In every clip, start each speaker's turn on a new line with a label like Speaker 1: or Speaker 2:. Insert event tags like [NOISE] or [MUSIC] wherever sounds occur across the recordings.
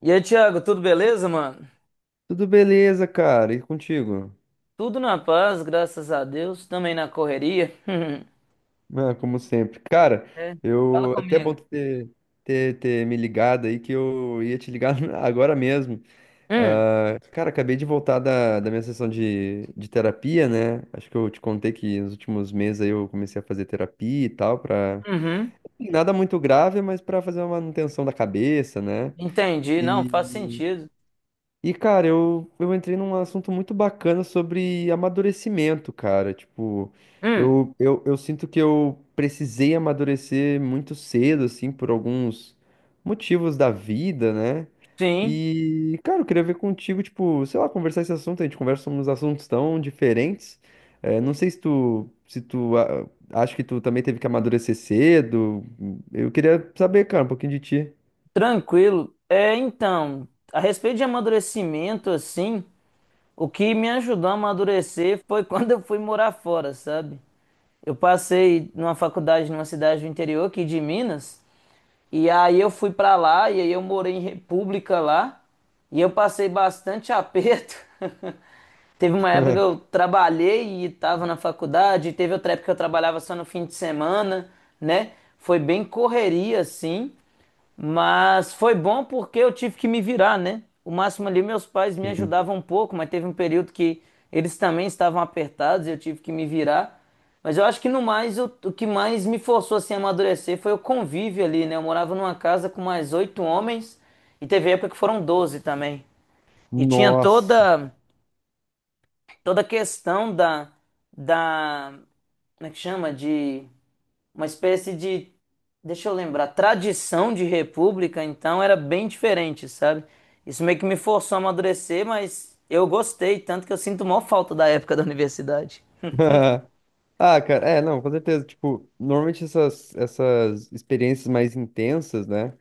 Speaker 1: E aí, Thiago, tudo beleza, mano?
Speaker 2: Tudo beleza, cara? E contigo?
Speaker 1: Tudo na paz, graças a Deus, também na correria. [LAUGHS]
Speaker 2: Ah, como sempre. Cara,
Speaker 1: É, fala
Speaker 2: eu é até bom
Speaker 1: comigo.
Speaker 2: tu ter, ter me ligado aí que eu ia te ligar [LAUGHS] agora mesmo.
Speaker 1: Hum,
Speaker 2: Ah, cara, acabei de voltar da minha sessão de terapia, né? Acho que eu te contei que nos últimos meses aí eu comecei a fazer terapia e tal, pra...
Speaker 1: uhum,
Speaker 2: Nada muito grave, mas pra fazer uma manutenção da cabeça, né?
Speaker 1: entendi, não, faz
Speaker 2: E
Speaker 1: sentido.
Speaker 2: Cara, eu entrei num assunto muito bacana sobre amadurecimento, cara. Tipo,
Speaker 1: Hum,
Speaker 2: eu sinto que eu precisei amadurecer muito cedo, assim, por alguns motivos da vida, né?
Speaker 1: sim,
Speaker 2: E, cara, eu queria ver contigo, tipo, sei lá, conversar esse assunto. A gente conversa uns assuntos tão diferentes. É, não sei se tu, se tu acha que tu também teve que amadurecer cedo. Eu queria saber, cara, um pouquinho de ti.
Speaker 1: tranquilo. É, então, a respeito de amadurecimento, assim, o que me ajudou a amadurecer foi [LAUGHS] quando eu fui morar fora, sabe? Eu passei numa faculdade numa cidade do interior aqui de Minas. E aí eu fui pra lá e aí eu morei em República lá e eu passei bastante aperto. [LAUGHS] Teve uma época que eu
Speaker 2: [LAUGHS]
Speaker 1: trabalhei e estava na faculdade, teve outra época que eu trabalhava só no fim de semana, né? Foi bem correria assim. Mas foi bom porque eu tive que me virar, né? O máximo ali, meus pais me
Speaker 2: Sim.
Speaker 1: ajudavam um pouco, mas teve um período que eles também estavam apertados e eu tive que me virar. Mas eu acho que no mais, o que mais me forçou assim, a amadurecer foi o convívio ali, né? Eu morava numa casa com mais oito homens e teve época que foram doze também. E tinha
Speaker 2: Nossa.
Speaker 1: toda, toda a questão da, como é que chama? De uma espécie de, deixa eu lembrar, tradição de república, então era bem diferente, sabe? Isso meio que me forçou a amadurecer, mas eu gostei, tanto que eu sinto maior falta da época da universidade.
Speaker 2: [LAUGHS] Ah, cara, é, não, com certeza. Tipo, normalmente essas experiências mais intensas, né?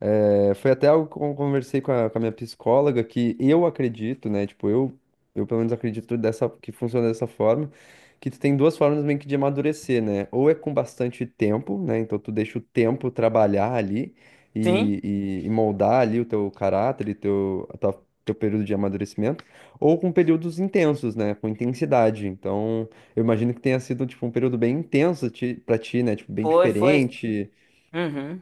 Speaker 2: É, foi até algo que eu conversei com a minha psicóloga, que eu acredito, né? Tipo, eu pelo menos acredito dessa, que funciona dessa forma, que tu tem duas formas meio que de amadurecer, né? Ou é com bastante tempo, né? Então tu deixa o tempo trabalhar ali
Speaker 1: Sim,
Speaker 2: e, e moldar ali o teu caráter e teu, teu período de amadurecimento, ou com períodos intensos, né? Com intensidade. Então, eu imagino que tenha sido, tipo, um período bem intenso pra ti, né? Tipo, bem
Speaker 1: foi, foi.
Speaker 2: diferente.
Speaker 1: Uhum.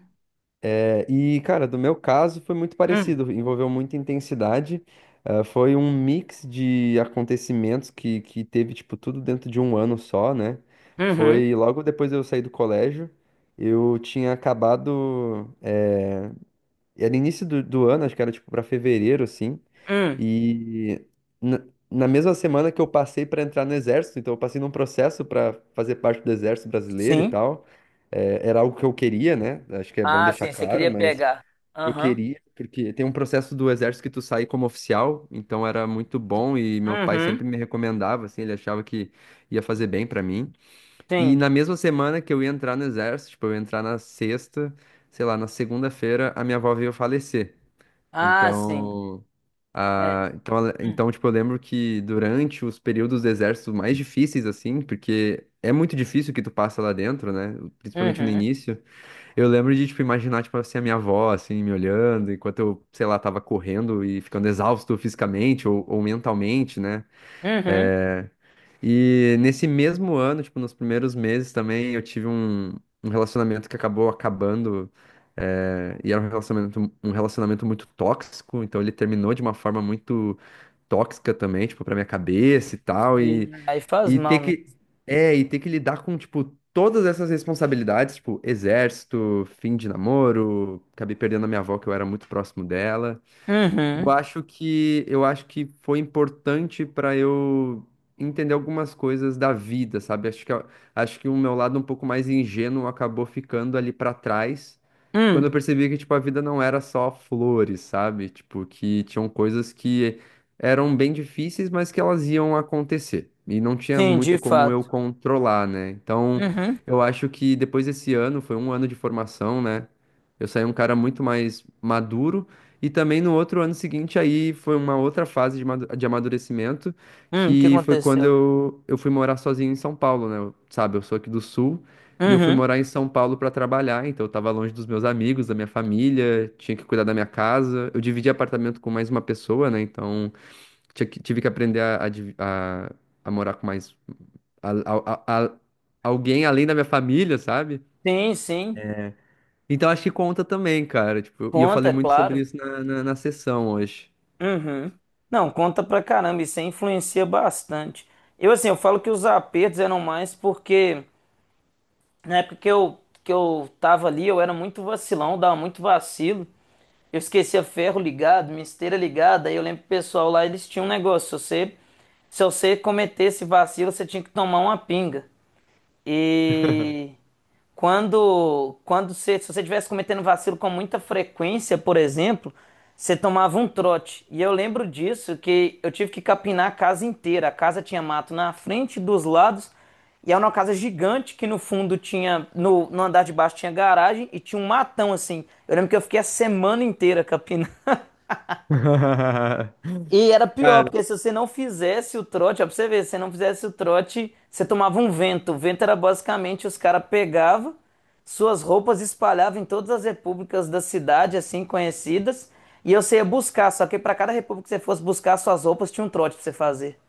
Speaker 2: E, cara, do meu caso foi muito
Speaker 1: Hum,
Speaker 2: parecido, envolveu muita intensidade. Foi um mix de acontecimentos que teve, tipo, tudo dentro de um ano só, né?
Speaker 1: uhum.
Speaker 2: Foi logo depois de eu sair do colégio, eu tinha acabado. Era início do ano, acho que era, tipo, pra fevereiro, assim.
Speaker 1: Hum.
Speaker 2: E na, na mesma semana que eu passei pra entrar no exército, então eu passei num processo pra fazer parte do exército brasileiro e
Speaker 1: Sim.
Speaker 2: tal. É, era algo que eu queria, né? Acho que é bom
Speaker 1: Ah,
Speaker 2: deixar
Speaker 1: sim, você
Speaker 2: claro,
Speaker 1: queria
Speaker 2: mas.
Speaker 1: pegar.
Speaker 2: Eu
Speaker 1: Aham.
Speaker 2: queria, porque tem um processo do exército que tu sai como oficial, então era muito bom e meu pai
Speaker 1: Uhum.
Speaker 2: sempre me recomendava, assim, ele achava que ia fazer bem pra mim. E
Speaker 1: Sim.
Speaker 2: na mesma semana que eu ia entrar no exército, tipo, eu ia entrar na sexta, sei lá, na segunda-feira, a minha avó veio falecer.
Speaker 1: Ah, sim.
Speaker 2: Então,
Speaker 1: É. Hum.
Speaker 2: tipo, eu lembro que durante os períodos do exército mais difíceis, assim, porque é muito difícil o que tu passa lá dentro, né? Principalmente no
Speaker 1: Uhum.
Speaker 2: início. Eu lembro de, tipo, imaginar, tipo, assim, a minha avó, assim, me olhando, enquanto eu, sei lá, tava correndo e ficando exausto fisicamente ou mentalmente, né?
Speaker 1: Uhum.
Speaker 2: É, E nesse mesmo ano, tipo, nos primeiros meses também, eu tive um, um relacionamento que acabou acabando, é, e era um relacionamento muito tóxico, então ele terminou de uma forma muito tóxica também, tipo, pra minha cabeça e tal, e...
Speaker 1: Sim. Aí faz
Speaker 2: E ter
Speaker 1: mal
Speaker 2: que,
Speaker 1: mesmo.
Speaker 2: é, e ter que lidar com, tipo, todas essas responsabilidades, tipo, exército, fim de namoro, acabei perdendo a minha avó, que eu era muito próximo dela.
Speaker 1: Uhum.
Speaker 2: Eu acho que foi importante para eu entender algumas coisas da vida, sabe? Acho que o meu lado um pouco mais ingênuo acabou ficando ali para trás, quando eu
Speaker 1: Hum.
Speaker 2: percebi que tipo a vida não era só flores, sabe? Tipo que tinham coisas que eram bem difíceis, mas que elas iam acontecer e não tinha
Speaker 1: Sim, de
Speaker 2: muito como eu
Speaker 1: fato.
Speaker 2: controlar, né? Então,
Speaker 1: Uhum.
Speaker 2: eu acho que depois desse ano, foi um ano de formação, né? Eu saí um cara muito mais maduro e também no outro ano seguinte, aí foi uma outra fase de de amadurecimento,
Speaker 1: O que
Speaker 2: que foi quando
Speaker 1: aconteceu?
Speaker 2: eu fui morar sozinho em São Paulo, né? Sabe, eu sou aqui do Sul e eu fui
Speaker 1: Uhum.
Speaker 2: morar em São Paulo para trabalhar, então eu tava longe dos meus amigos, da minha família, tinha que cuidar da minha casa. Eu dividi apartamento com mais uma pessoa, né? Então tive que aprender a, a morar com mais a- a- a- a- alguém além da minha família, sabe?
Speaker 1: Sim, sim.
Speaker 2: Então acho que conta também, cara. Tipo, e eu
Speaker 1: Conta,
Speaker 2: falei
Speaker 1: é
Speaker 2: muito sobre
Speaker 1: claro.
Speaker 2: isso na, na sessão hoje.
Speaker 1: Uhum. Não, conta pra caramba, isso aí influencia bastante. Eu, assim, eu falo que os apertos eram mais porque na época que que eu tava ali, eu era muito vacilão, dava muito vacilo. Eu esquecia ferro ligado, minha esteira ligada. Aí eu lembro que o pessoal lá, eles tinham um negócio, se você cometesse vacilo, você tinha que tomar uma pinga. E quando você, se você estivesse cometendo vacilo com muita frequência, por exemplo, você tomava um trote. E eu lembro disso, que eu tive que capinar a casa inteira. A casa tinha mato na frente, dos lados, e era uma casa gigante que no fundo tinha, no andar de baixo tinha garagem e tinha um matão assim. Eu lembro que eu fiquei a semana inteira capinando. E
Speaker 2: [LAUGHS]
Speaker 1: era pior,
Speaker 2: Cara,
Speaker 1: porque se você não fizesse o trote, ó, pra você ver, se você não fizesse o trote, você tomava um vento. O vento era basicamente os caras pegavam suas roupas, espalhavam em todas as repúblicas da cidade, assim, conhecidas, e você ia buscar. Só que para cada república que você fosse buscar suas roupas, tinha um trote pra você fazer.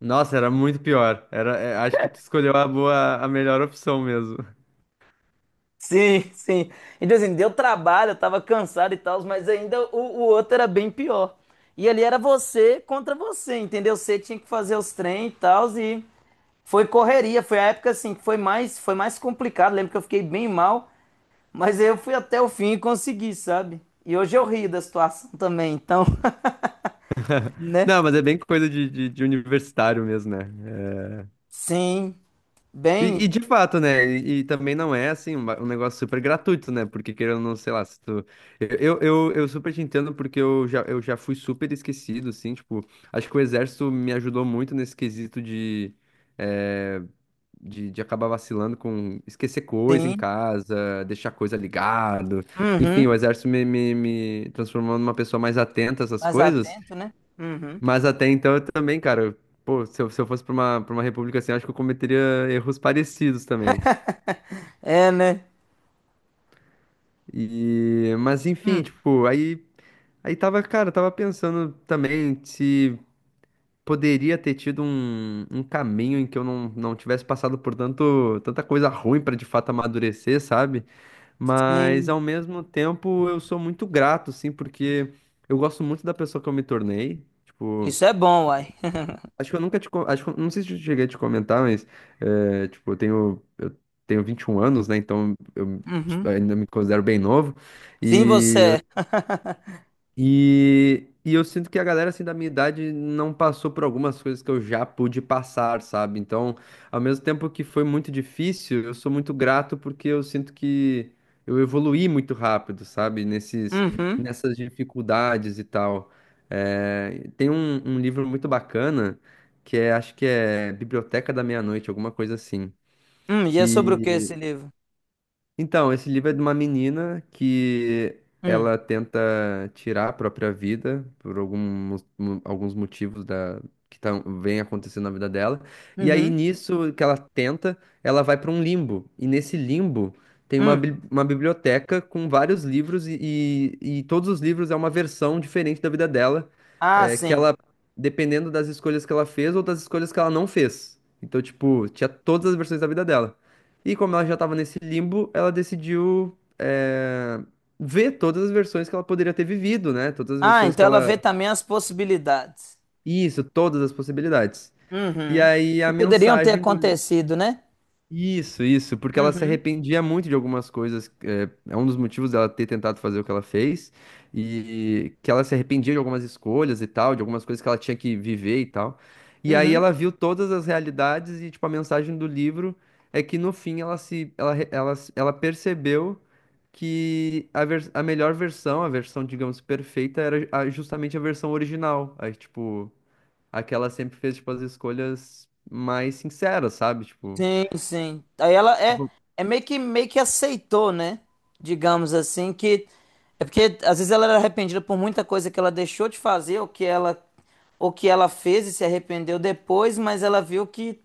Speaker 2: nossa, era muito pior. Era, é, acho que tu escolheu a boa, a melhor opção mesmo.
Speaker 1: Sim, sim. Então, assim, deu trabalho, eu tava cansado e tal, mas ainda o outro era bem pior. E ali era você contra você, entendeu? Você tinha que fazer os trem e tal, e. Foi correria, foi a época assim que foi mais complicado. Lembro que eu fiquei bem mal, mas eu fui até o fim e consegui, sabe? E hoje eu rio da situação também, então, [LAUGHS] né?
Speaker 2: Não, mas é bem coisa de universitário mesmo, né? É,
Speaker 1: Sim, bem,
Speaker 2: E, e de fato, né? E também não é assim um, um negócio super gratuito, né? Porque querendo ou não, sei lá, se tu. Eu super te entendo porque eu já fui super esquecido, assim, tipo, acho que o exército me ajudou muito nesse quesito de, eh, de acabar vacilando com esquecer coisa em
Speaker 1: sim.
Speaker 2: casa, deixar coisa ligado. Enfim, o
Speaker 1: Uhum.
Speaker 2: exército me transformou numa pessoa mais atenta a essas
Speaker 1: Mais
Speaker 2: coisas.
Speaker 1: atento, né? Uhum.
Speaker 2: Mas até então eu também, cara. Pô, se eu, se eu fosse pra uma república assim, eu acho que eu cometeria erros parecidos também.
Speaker 1: É, né?
Speaker 2: E, mas enfim,
Speaker 1: Hum.
Speaker 2: tipo, aí, aí tava, cara, tava pensando também se poderia ter tido um, um caminho em que eu não, não tivesse passado por tanto, tanta coisa ruim pra de fato amadurecer, sabe? Mas ao
Speaker 1: Sim.
Speaker 2: mesmo tempo eu sou muito grato, assim, porque eu gosto muito da pessoa que eu me tornei. Tipo.
Speaker 1: Isso é bom, uai. [LAUGHS]
Speaker 2: Acho, que não sei se eu cheguei a te comentar, mas, é, tipo, eu tenho 21 anos, né? Então eu
Speaker 1: Uhum.
Speaker 2: ainda me considero bem novo.
Speaker 1: Sim,
Speaker 2: E
Speaker 1: você é. [LAUGHS]
Speaker 2: e eu sinto que a galera assim da minha idade não passou por algumas coisas que eu já pude passar, sabe? Então, ao mesmo tempo que foi muito difícil, eu sou muito grato porque eu sinto que eu evoluí muito rápido, sabe? Nesses,
Speaker 1: Uhum.
Speaker 2: nessas dificuldades e tal. É, tem um, um livro muito bacana que é, acho que é Biblioteca da Meia-Noite, alguma coisa assim.
Speaker 1: E é sobre o que
Speaker 2: Que
Speaker 1: esse livro?
Speaker 2: então, esse livro é de uma menina que
Speaker 1: Hum.
Speaker 2: ela tenta tirar a própria vida por alguns motivos da, que tão, vem acontecendo na vida dela. E aí,
Speaker 1: Uhum.
Speaker 2: nisso que ela tenta, ela vai para um limbo. E nesse limbo tem uma,
Speaker 1: Hum.
Speaker 2: uma biblioteca com vários livros, e, e todos os livros é uma versão diferente da vida dela,
Speaker 1: Ah,
Speaker 2: é, que
Speaker 1: sim.
Speaker 2: ela, dependendo das escolhas que ela fez ou das escolhas que ela não fez. Então, tipo, tinha todas as versões da vida dela. E como ela já estava nesse limbo, ela decidiu ver todas as versões que ela poderia ter vivido, né? Todas as
Speaker 1: Ah,
Speaker 2: versões
Speaker 1: então
Speaker 2: que
Speaker 1: ela vê
Speaker 2: ela.
Speaker 1: também as possibilidades.
Speaker 2: Isso, todas as possibilidades. E
Speaker 1: Uhum.
Speaker 2: aí
Speaker 1: Que
Speaker 2: a
Speaker 1: poderiam ter
Speaker 2: mensagem do
Speaker 1: acontecido, né?
Speaker 2: Isso, isso, porque ela se
Speaker 1: Uhum.
Speaker 2: arrependia muito de algumas coisas. É, é um dos motivos dela ter tentado fazer o que ela fez, e que ela se arrependia de algumas escolhas e tal, de algumas coisas que ela tinha que viver e tal. E aí
Speaker 1: Uhum.
Speaker 2: ela viu todas as realidades e, tipo, a mensagem do livro é que no fim ela se, ela, re- ela, se- ela percebeu que a melhor versão, a versão, digamos, perfeita, era justamente a versão original. Aí, tipo, aquela sempre fez, tipo, as escolhas mais sinceras, sabe? Tipo.
Speaker 1: Sim, sim. Aí ela é, é meio que aceitou, né? Digamos assim, que. É porque às vezes ela era arrependida por muita coisa que ela deixou de fazer, ou que ela fez e se arrependeu depois, mas ela viu que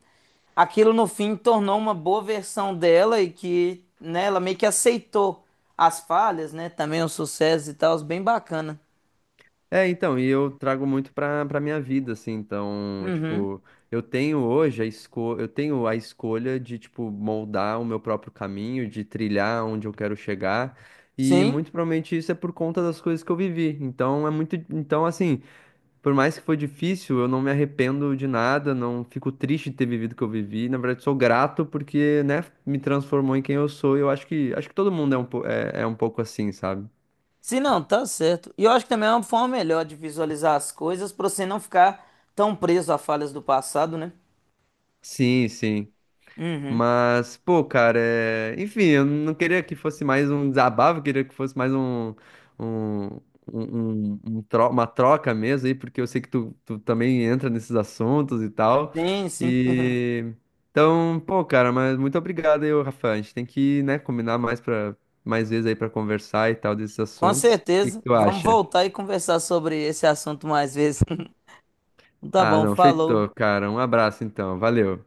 Speaker 1: aquilo no fim tornou uma boa versão dela e que, né, ela meio que aceitou as falhas, né? Também os sucessos e tal, bem bacana.
Speaker 2: É, então, e eu trago muito pra, pra minha vida, assim, então,
Speaker 1: Uhum.
Speaker 2: tipo, eu tenho hoje a esco eu tenho a escolha de, tipo, moldar o meu próprio caminho, de trilhar onde eu quero chegar, e
Speaker 1: Sim.
Speaker 2: muito provavelmente isso é por conta das coisas que eu vivi, então é muito, então, assim, por mais que foi difícil, eu não me arrependo de nada, não fico triste de ter vivido o que eu vivi, na verdade, sou grato porque, né, me transformou em quem eu sou, e eu acho que todo mundo é um, é, é um pouco assim, sabe?
Speaker 1: Se não, tá certo. E eu acho que também é uma forma melhor de visualizar as coisas pra você não ficar tão preso a falhas do passado, né?
Speaker 2: Sim, sim.
Speaker 1: Uhum.
Speaker 2: Mas, pô, cara, é... enfim, eu não queria que fosse mais um desabafo, eu queria que fosse mais um, um, um- um uma troca mesmo aí, porque eu sei que tu, tu também entra nesses assuntos e tal.
Speaker 1: Sim, sim. [LAUGHS]
Speaker 2: E então, pô, cara, mas muito obrigado aí, ô, Rafa. A gente tem que, né, combinar mais para mais vezes aí pra conversar e tal desses
Speaker 1: Com
Speaker 2: assuntos. O que que
Speaker 1: certeza.
Speaker 2: tu
Speaker 1: Vamos
Speaker 2: acha?
Speaker 1: voltar e conversar sobre esse assunto mais vezes. [LAUGHS] Tá
Speaker 2: Ah,
Speaker 1: bom,
Speaker 2: não,
Speaker 1: falou.
Speaker 2: feitou, cara. Um abraço então. Valeu.